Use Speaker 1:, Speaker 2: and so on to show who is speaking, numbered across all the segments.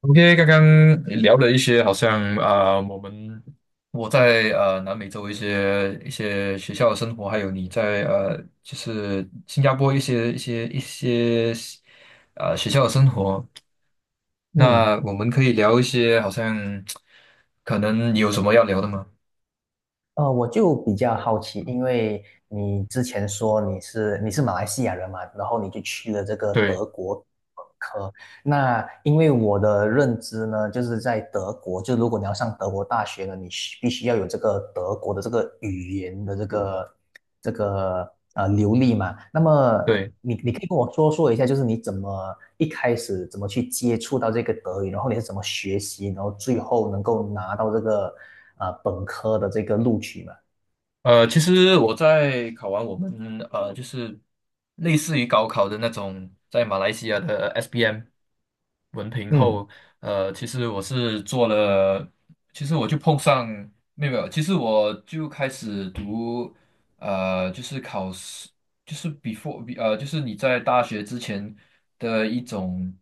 Speaker 1: OK，刚刚聊了一些，好像我在南美洲一些学校的生活，还有你在就是新加坡一些学校的生活。
Speaker 2: 嗯，
Speaker 1: 那我们可以聊一些，好像可能你有什么要聊的吗？
Speaker 2: 我就比较好奇，因为你之前说你是马来西亚人嘛，然后你就去了这个
Speaker 1: 对
Speaker 2: 德国。那因为我的认知呢，就是在德国，就如果你要上德国大学呢，你需必须要有这个德国的这个语言的这个流利嘛。那么
Speaker 1: 对。
Speaker 2: 你可以跟我说说一下，就是你怎么一开始怎么去接触到这个德语，然后你是怎么学习，然后最后能够拿到这个本科的这个录取嘛？
Speaker 1: 其实我在考完就是类似于高考的那种，在马来西亚的 SPM 文凭
Speaker 2: 嗯
Speaker 1: 后，其实我是做了，其实我就碰上没有没有其实我就开始读，就是考试，就是 before 就是你在大学之前的一种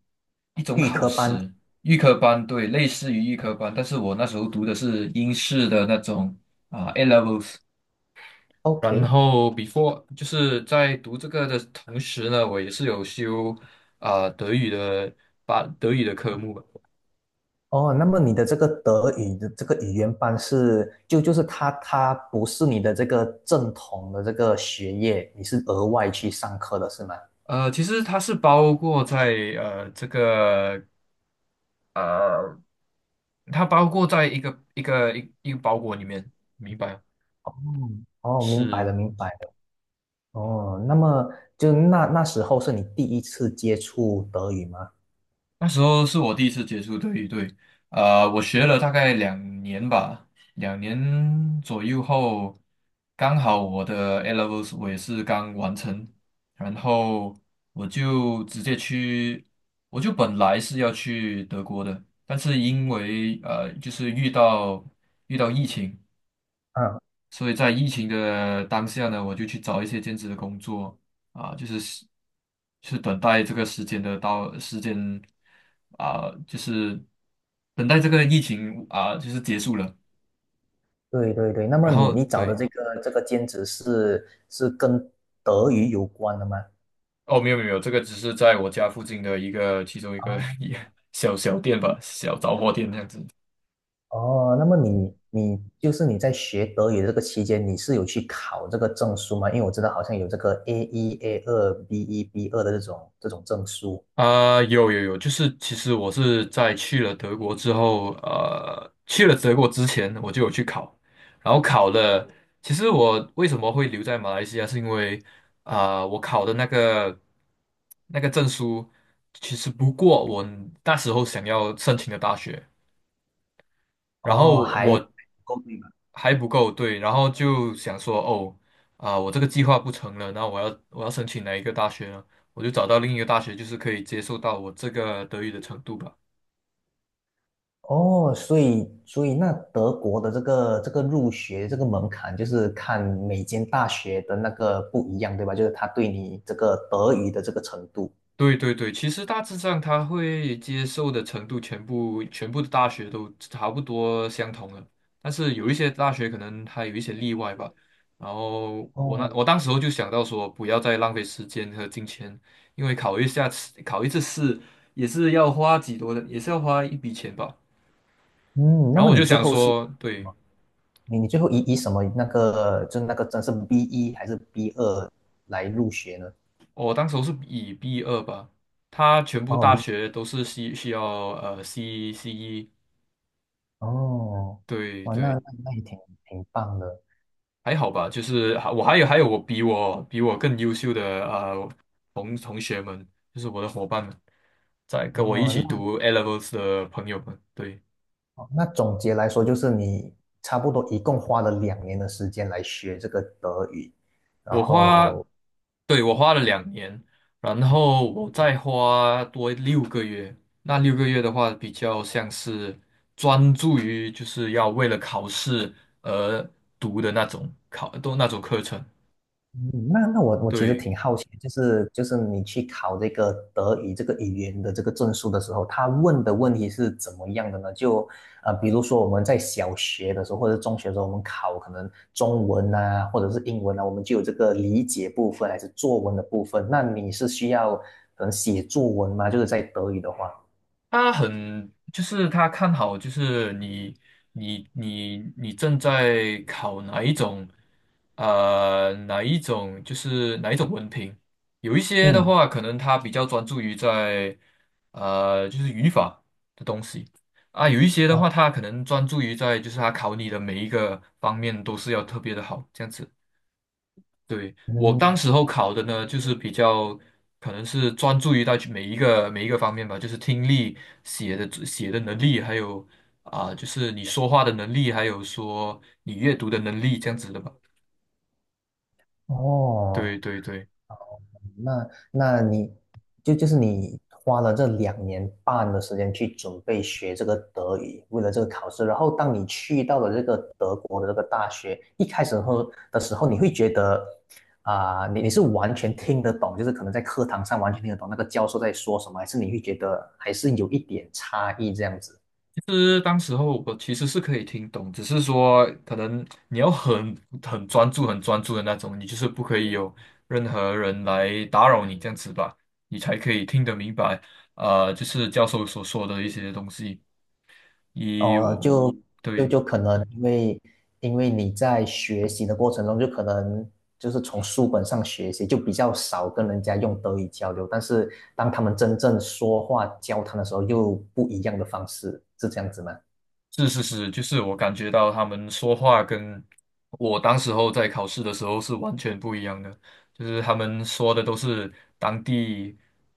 Speaker 1: 一种考试，预科班，对，类似于预科班，但是我那时候读的是英式的那种啊，A levels。然
Speaker 2: ，OK。
Speaker 1: 后 before 就是在读这个的同时呢，我也是有修德语的把德语的科目吧。
Speaker 2: 哦，那么你的这个德语的这个语言班是，就是他不是你的这个正统的这个学业，你是额外去上课的是吗？
Speaker 1: 其实它是包括在呃这个呃，它包括在一个包裹里面，明白吗？
Speaker 2: 哦，哦，明白
Speaker 1: 是。
Speaker 2: 了，明白了。哦，那么那时候是你第一次接触德语吗？
Speaker 1: 那时候是我第一次接触对语，对，我学了大概两年吧，两年左右后，刚好我的 A levels 我也是刚完成，然后我就直接去，我就本来是要去德国的，但是因为就是遇到疫情，
Speaker 2: 嗯，
Speaker 1: 所以在疫情的当下呢，我就去找一些兼职的工作啊，就是是等待这个时间的到时间啊，就是等待这个疫情啊，就是结束了。
Speaker 2: 对对对。那么
Speaker 1: 然
Speaker 2: 你
Speaker 1: 后
Speaker 2: 你找的
Speaker 1: 对，
Speaker 2: 这个兼职是是跟德语有关的吗？
Speaker 1: 哦，没有没有，没有这个只是在我家附近的其中一个 一小小店吧，小杂货店这样子。
Speaker 2: 哦，那么你你就是你在学德语的这个期间，你是有去考这个证书吗？因为我知道好像有这个 A 一、A 二、B 一、B 二的这种证书。
Speaker 1: 有有有，就是其实我是在去了德国之后，去了德国之前我就有去考，然后考了。其实我为什么会留在马来西亚，是因为我考的那个证书其实不过我那时候想要申请的大学，然
Speaker 2: 哦，
Speaker 1: 后
Speaker 2: 还
Speaker 1: 我
Speaker 2: 够对吧？
Speaker 1: 还不够，对，然后就想说，哦，我这个计划不成了，那我要申请哪一个大学呢？我就找到另一个大学，就是可以接受到我这个德语的程度吧。
Speaker 2: 哦，所以那德国的这个入学这个门槛，就是看每间大学的那个不一样，对吧？就是他对你这个德语的这个程度。
Speaker 1: 对对对，其实大致上他会接受的程度，全部的大学都差不多相同了，但是有一些大学可能它有一些例外吧。然后
Speaker 2: 哦，
Speaker 1: 我当时候就想到说，不要再浪费时间和金钱，因为考一下次考一次试也是要花几多的，也是要花一笔钱吧。
Speaker 2: 嗯，那
Speaker 1: 然后
Speaker 2: 么
Speaker 1: 我
Speaker 2: 你
Speaker 1: 就
Speaker 2: 最
Speaker 1: 想
Speaker 2: 后是？什
Speaker 1: 说，对，
Speaker 2: 么？你最后以什么那个就是那个真是 B 一还是 B 二来入学呢？
Speaker 1: 我当时候是以 B2吧，他全部
Speaker 2: 哦
Speaker 1: 大
Speaker 2: B
Speaker 1: 学都是需要CCE，
Speaker 2: 哦，
Speaker 1: 对
Speaker 2: 哇，那
Speaker 1: 对。
Speaker 2: 那那也挺棒的
Speaker 1: 还好吧，就是还有我比我比我更优秀的呃同学们，就是我的伙伴们，在跟我一起
Speaker 2: 哦。
Speaker 1: 读 e levels 的朋友们，对，
Speaker 2: 那那总结来说，就是你差不多一共花了两年的时间来学这个德语，然
Speaker 1: 我花，
Speaker 2: 后
Speaker 1: 对，我花了两年，然后我再花多六个月，那六个月的话比较像是专注于就是要为了考试而读的那种考都那种课程，
Speaker 2: 嗯。那那我其实
Speaker 1: 对。
Speaker 2: 挺好奇，就是你去考这个德语这个语言的这个证书的时候，他问的问题是怎么样的呢？比如说我们在小学的时候或者中学的时候，我们考可能中文啊或者是英文啊，我们就有这个理解部分还是作文的部分。那你是需要可能写作文吗？就是在德语的话，
Speaker 1: 他很，就是他看好，就是你正在考哪一种，就是哪一种文凭。有一些的
Speaker 2: 嗯，
Speaker 1: 话，可能他比较专注于在，就是语法的东西啊。有一些的话，
Speaker 2: 哦，
Speaker 1: 他可能专注于在，就是他考你的每一个方面都是要特别的好，这样子。对，我当
Speaker 2: 嗯，
Speaker 1: 时候考的呢，就是比较可能是专注于到去每一个方面吧，就是听力、写的能力，还有就是你说话的能力，还有说你阅读的能力这样子的吧。对
Speaker 2: 哦，
Speaker 1: 对对，
Speaker 2: 那那你就是你花了这2年半的时间去准备学这个德语，为了这个考试。然后当你去到了这个德国的这个大学，一开始后的时候，你会觉得你是完全听得懂，就是可能在课堂上完全听得懂那个教授在说什么，还是你会觉得还是有一点差异这样子？
Speaker 1: 其实当时候我其实是可以听懂，只是说可能你要很专注、很专注的那种，你就是不可以有任何人来打扰你这样子吧，你才可以听得明白，就是教授所说的一些东西。
Speaker 2: 哦，
Speaker 1: 我
Speaker 2: 就嗯就
Speaker 1: 对，
Speaker 2: 就可能因为因为你在学习的过程中，就可能就是从书本上学习，就比较少跟人家用德语交流。但是当他们真正说话交谈的时候，又不一样的方式，是这样子吗？
Speaker 1: 是是是，就是我感觉到他们说话跟我当时候在考试的时候是完全不一样的，就是他们说的都是当地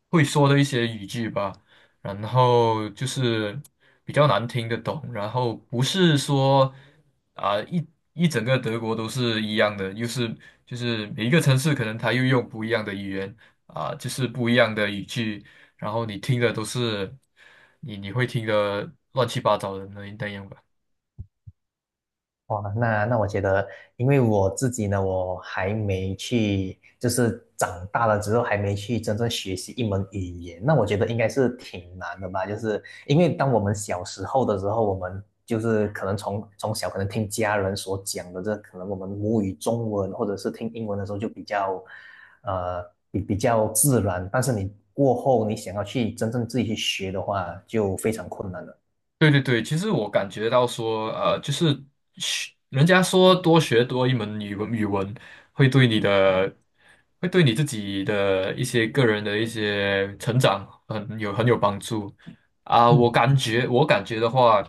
Speaker 1: 会说的一些语句吧，然后就是比较难听得懂，然后不是说啊、一一整个德国都是一样的，又是就是每一个城市可能它又用不一样的语言就是不一样的语句。然后你听的都是你会听的乱七八糟的那样吧。
Speaker 2: 哇，那那我觉得，因为我自己呢，我还没去，就是长大了之后还没去真正学习一门语言，那我觉得应该是挺难的吧。就是因为当我们小时候的时候，我们就是可能从小可能听家人所讲的这，可能我们母语中文或者是听英文的时候就比较，呃，比较自然。但是你过后你想要去真正自己去学的话，就非常困难了。
Speaker 1: 对对对，其实我感觉到说，就是学人家说多学多一门语文，语文会对你的，会对你自己的一些个人的一些成长很有帮助啊。
Speaker 2: 嗯。
Speaker 1: 我感觉的话，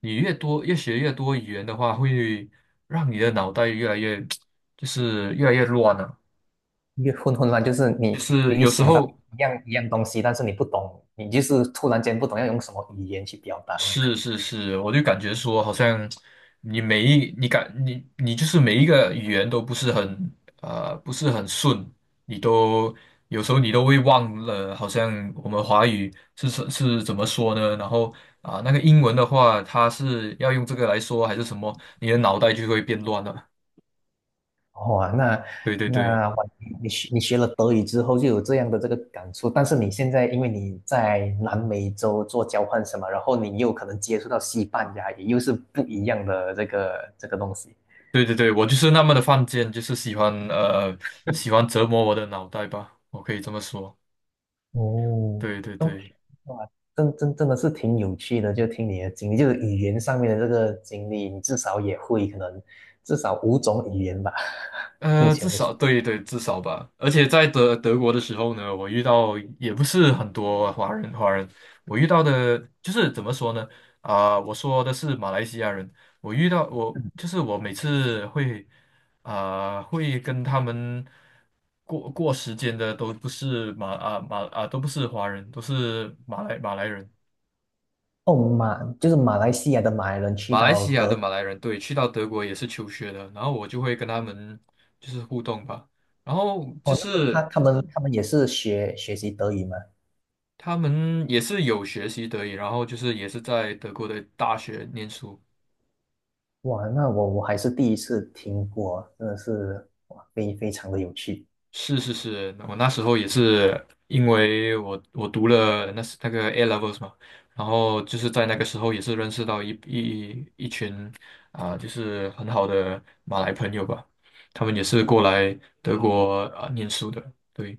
Speaker 1: 你越学越多语言的话，会让你的脑袋越来越 就是越来越乱了、
Speaker 2: 越混乱就是
Speaker 1: 就
Speaker 2: 你
Speaker 1: 是
Speaker 2: 你你
Speaker 1: 有时
Speaker 2: 想到
Speaker 1: 候。
Speaker 2: 一样东西，但是你不懂，你就是突然间不懂要用什么语言去表达呢？
Speaker 1: 是是 是，我就感觉说，好像你就是每一个语言都不是很不是很顺，你都有时候你都会忘了，好像我们华语是怎么说呢？然后那个英文的话，它是要用这个来说还是什么？你的脑袋就会变乱了。
Speaker 2: 哇，那
Speaker 1: 对对对
Speaker 2: 那哇你学了德语之后就有这样的这个感触，但是你现在因为你在南美洲做交换什么，然后你又可能接触到西班牙语，也又是不一样的这个东西。
Speaker 1: 对对对，我就是那么的犯贱，就是喜欢折磨我的脑袋吧，我可以这么说。
Speaker 2: 哦
Speaker 1: 对对
Speaker 2: ，OK,
Speaker 1: 对。
Speaker 2: 哇，真的是挺有趣的，就听你的经历，就是语言上面的这个经历，你至少也会可能至少5种语言吧，目
Speaker 1: 至
Speaker 2: 前来说。
Speaker 1: 少对对，至少吧。而且在德国的时候呢，我遇到也不是很多华人，华人我遇到的就是怎么说呢？我说的是马来西亚人，我遇到我就是我每次会会跟他们过时间的都不是马啊马啊都不是华人，都是马来人，
Speaker 2: 哦，马就是马来西亚的马来人去
Speaker 1: 马来
Speaker 2: 到
Speaker 1: 西亚的
Speaker 2: 德
Speaker 1: 马来人。对，去到德国也是求学的，然后我就会跟他们就是互动吧。然后就
Speaker 2: 国哦，那么他
Speaker 1: 是
Speaker 2: 他们他们也是学习德语吗？
Speaker 1: 他们也是有学习德语，然后就是也是在德国的大学念书。
Speaker 2: 哇，那我我还是第一次听过，真的是哇，非常的有趣。
Speaker 1: 是是是，我那时候也是因为我读了那个 A levels 嘛，然后就是在那个时候也是认识到一群就是很好的马来朋友吧，他们也是过来德国念书的，对，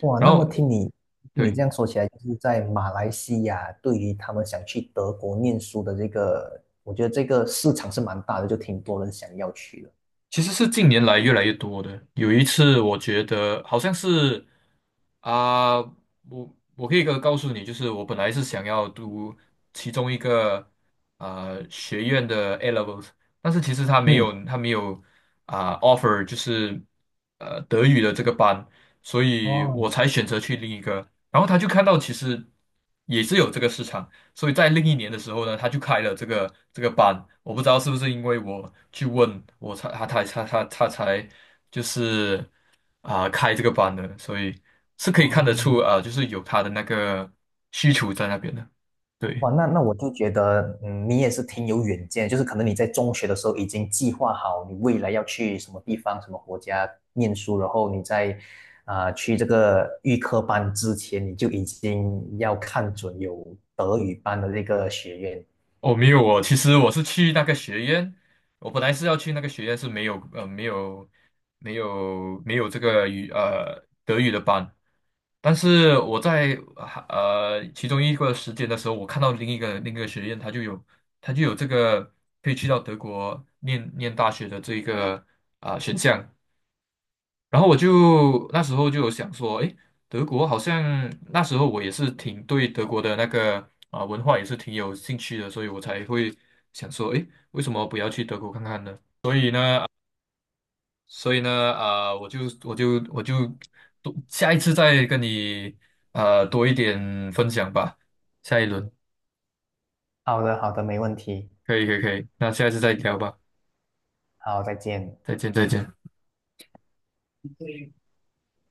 Speaker 2: 哇，
Speaker 1: 然
Speaker 2: 那么
Speaker 1: 后
Speaker 2: 听你
Speaker 1: 对，
Speaker 2: 这样说起来，就是在马来西亚，对于他们想去德国念书的这个，我觉得这个市场是蛮大的，就挺多人想要去的。
Speaker 1: 其实是近年来越来越多的。有一次我觉得好像是。啊，我可以告诉你，就是我本来是想要读其中一个学院的 A levels，但是其实他没
Speaker 2: 嗯，
Speaker 1: 有他没有offer 就是德语的这个班，所以
Speaker 2: 哦
Speaker 1: 我才选择去另一个。然后他就看到其实也是有这个市场，所以在另一年的时候呢，他就开了这个班。我不知道是不是因为我去问，他才就是。开这个班的，所以是可以看得出
Speaker 2: 哦，
Speaker 1: 就是有他的那个需求在那边的。对，
Speaker 2: 哇，那那我就觉得，嗯，你也是挺有远见，就是可能你在中学的时候已经计划好你未来要去什么地方、什么国家念书，然后你在去这个预科班之前，你就已经要看准有德语班的这个学院。
Speaker 1: 哦，没有哦，其实我是去那个学院，我本来是要去那个学院是没有这个德语的班，但是我在其中一个时间的时候，我看到另一个学院，他就有这个可以去到德国念大学的这一个选项。然后我就那时候就有想说，诶，德国好像那时候我也是挺对德国的那个文化也是挺有兴趣的，所以我才会想说，诶，为什么不要去德国看看呢？所以呢，我就多下一次再跟你多一点分享吧，下一轮
Speaker 2: 好的，好的，没问题。
Speaker 1: 可以可以可以，那下一次再聊吧，
Speaker 2: 好，再见。
Speaker 1: 再见再见。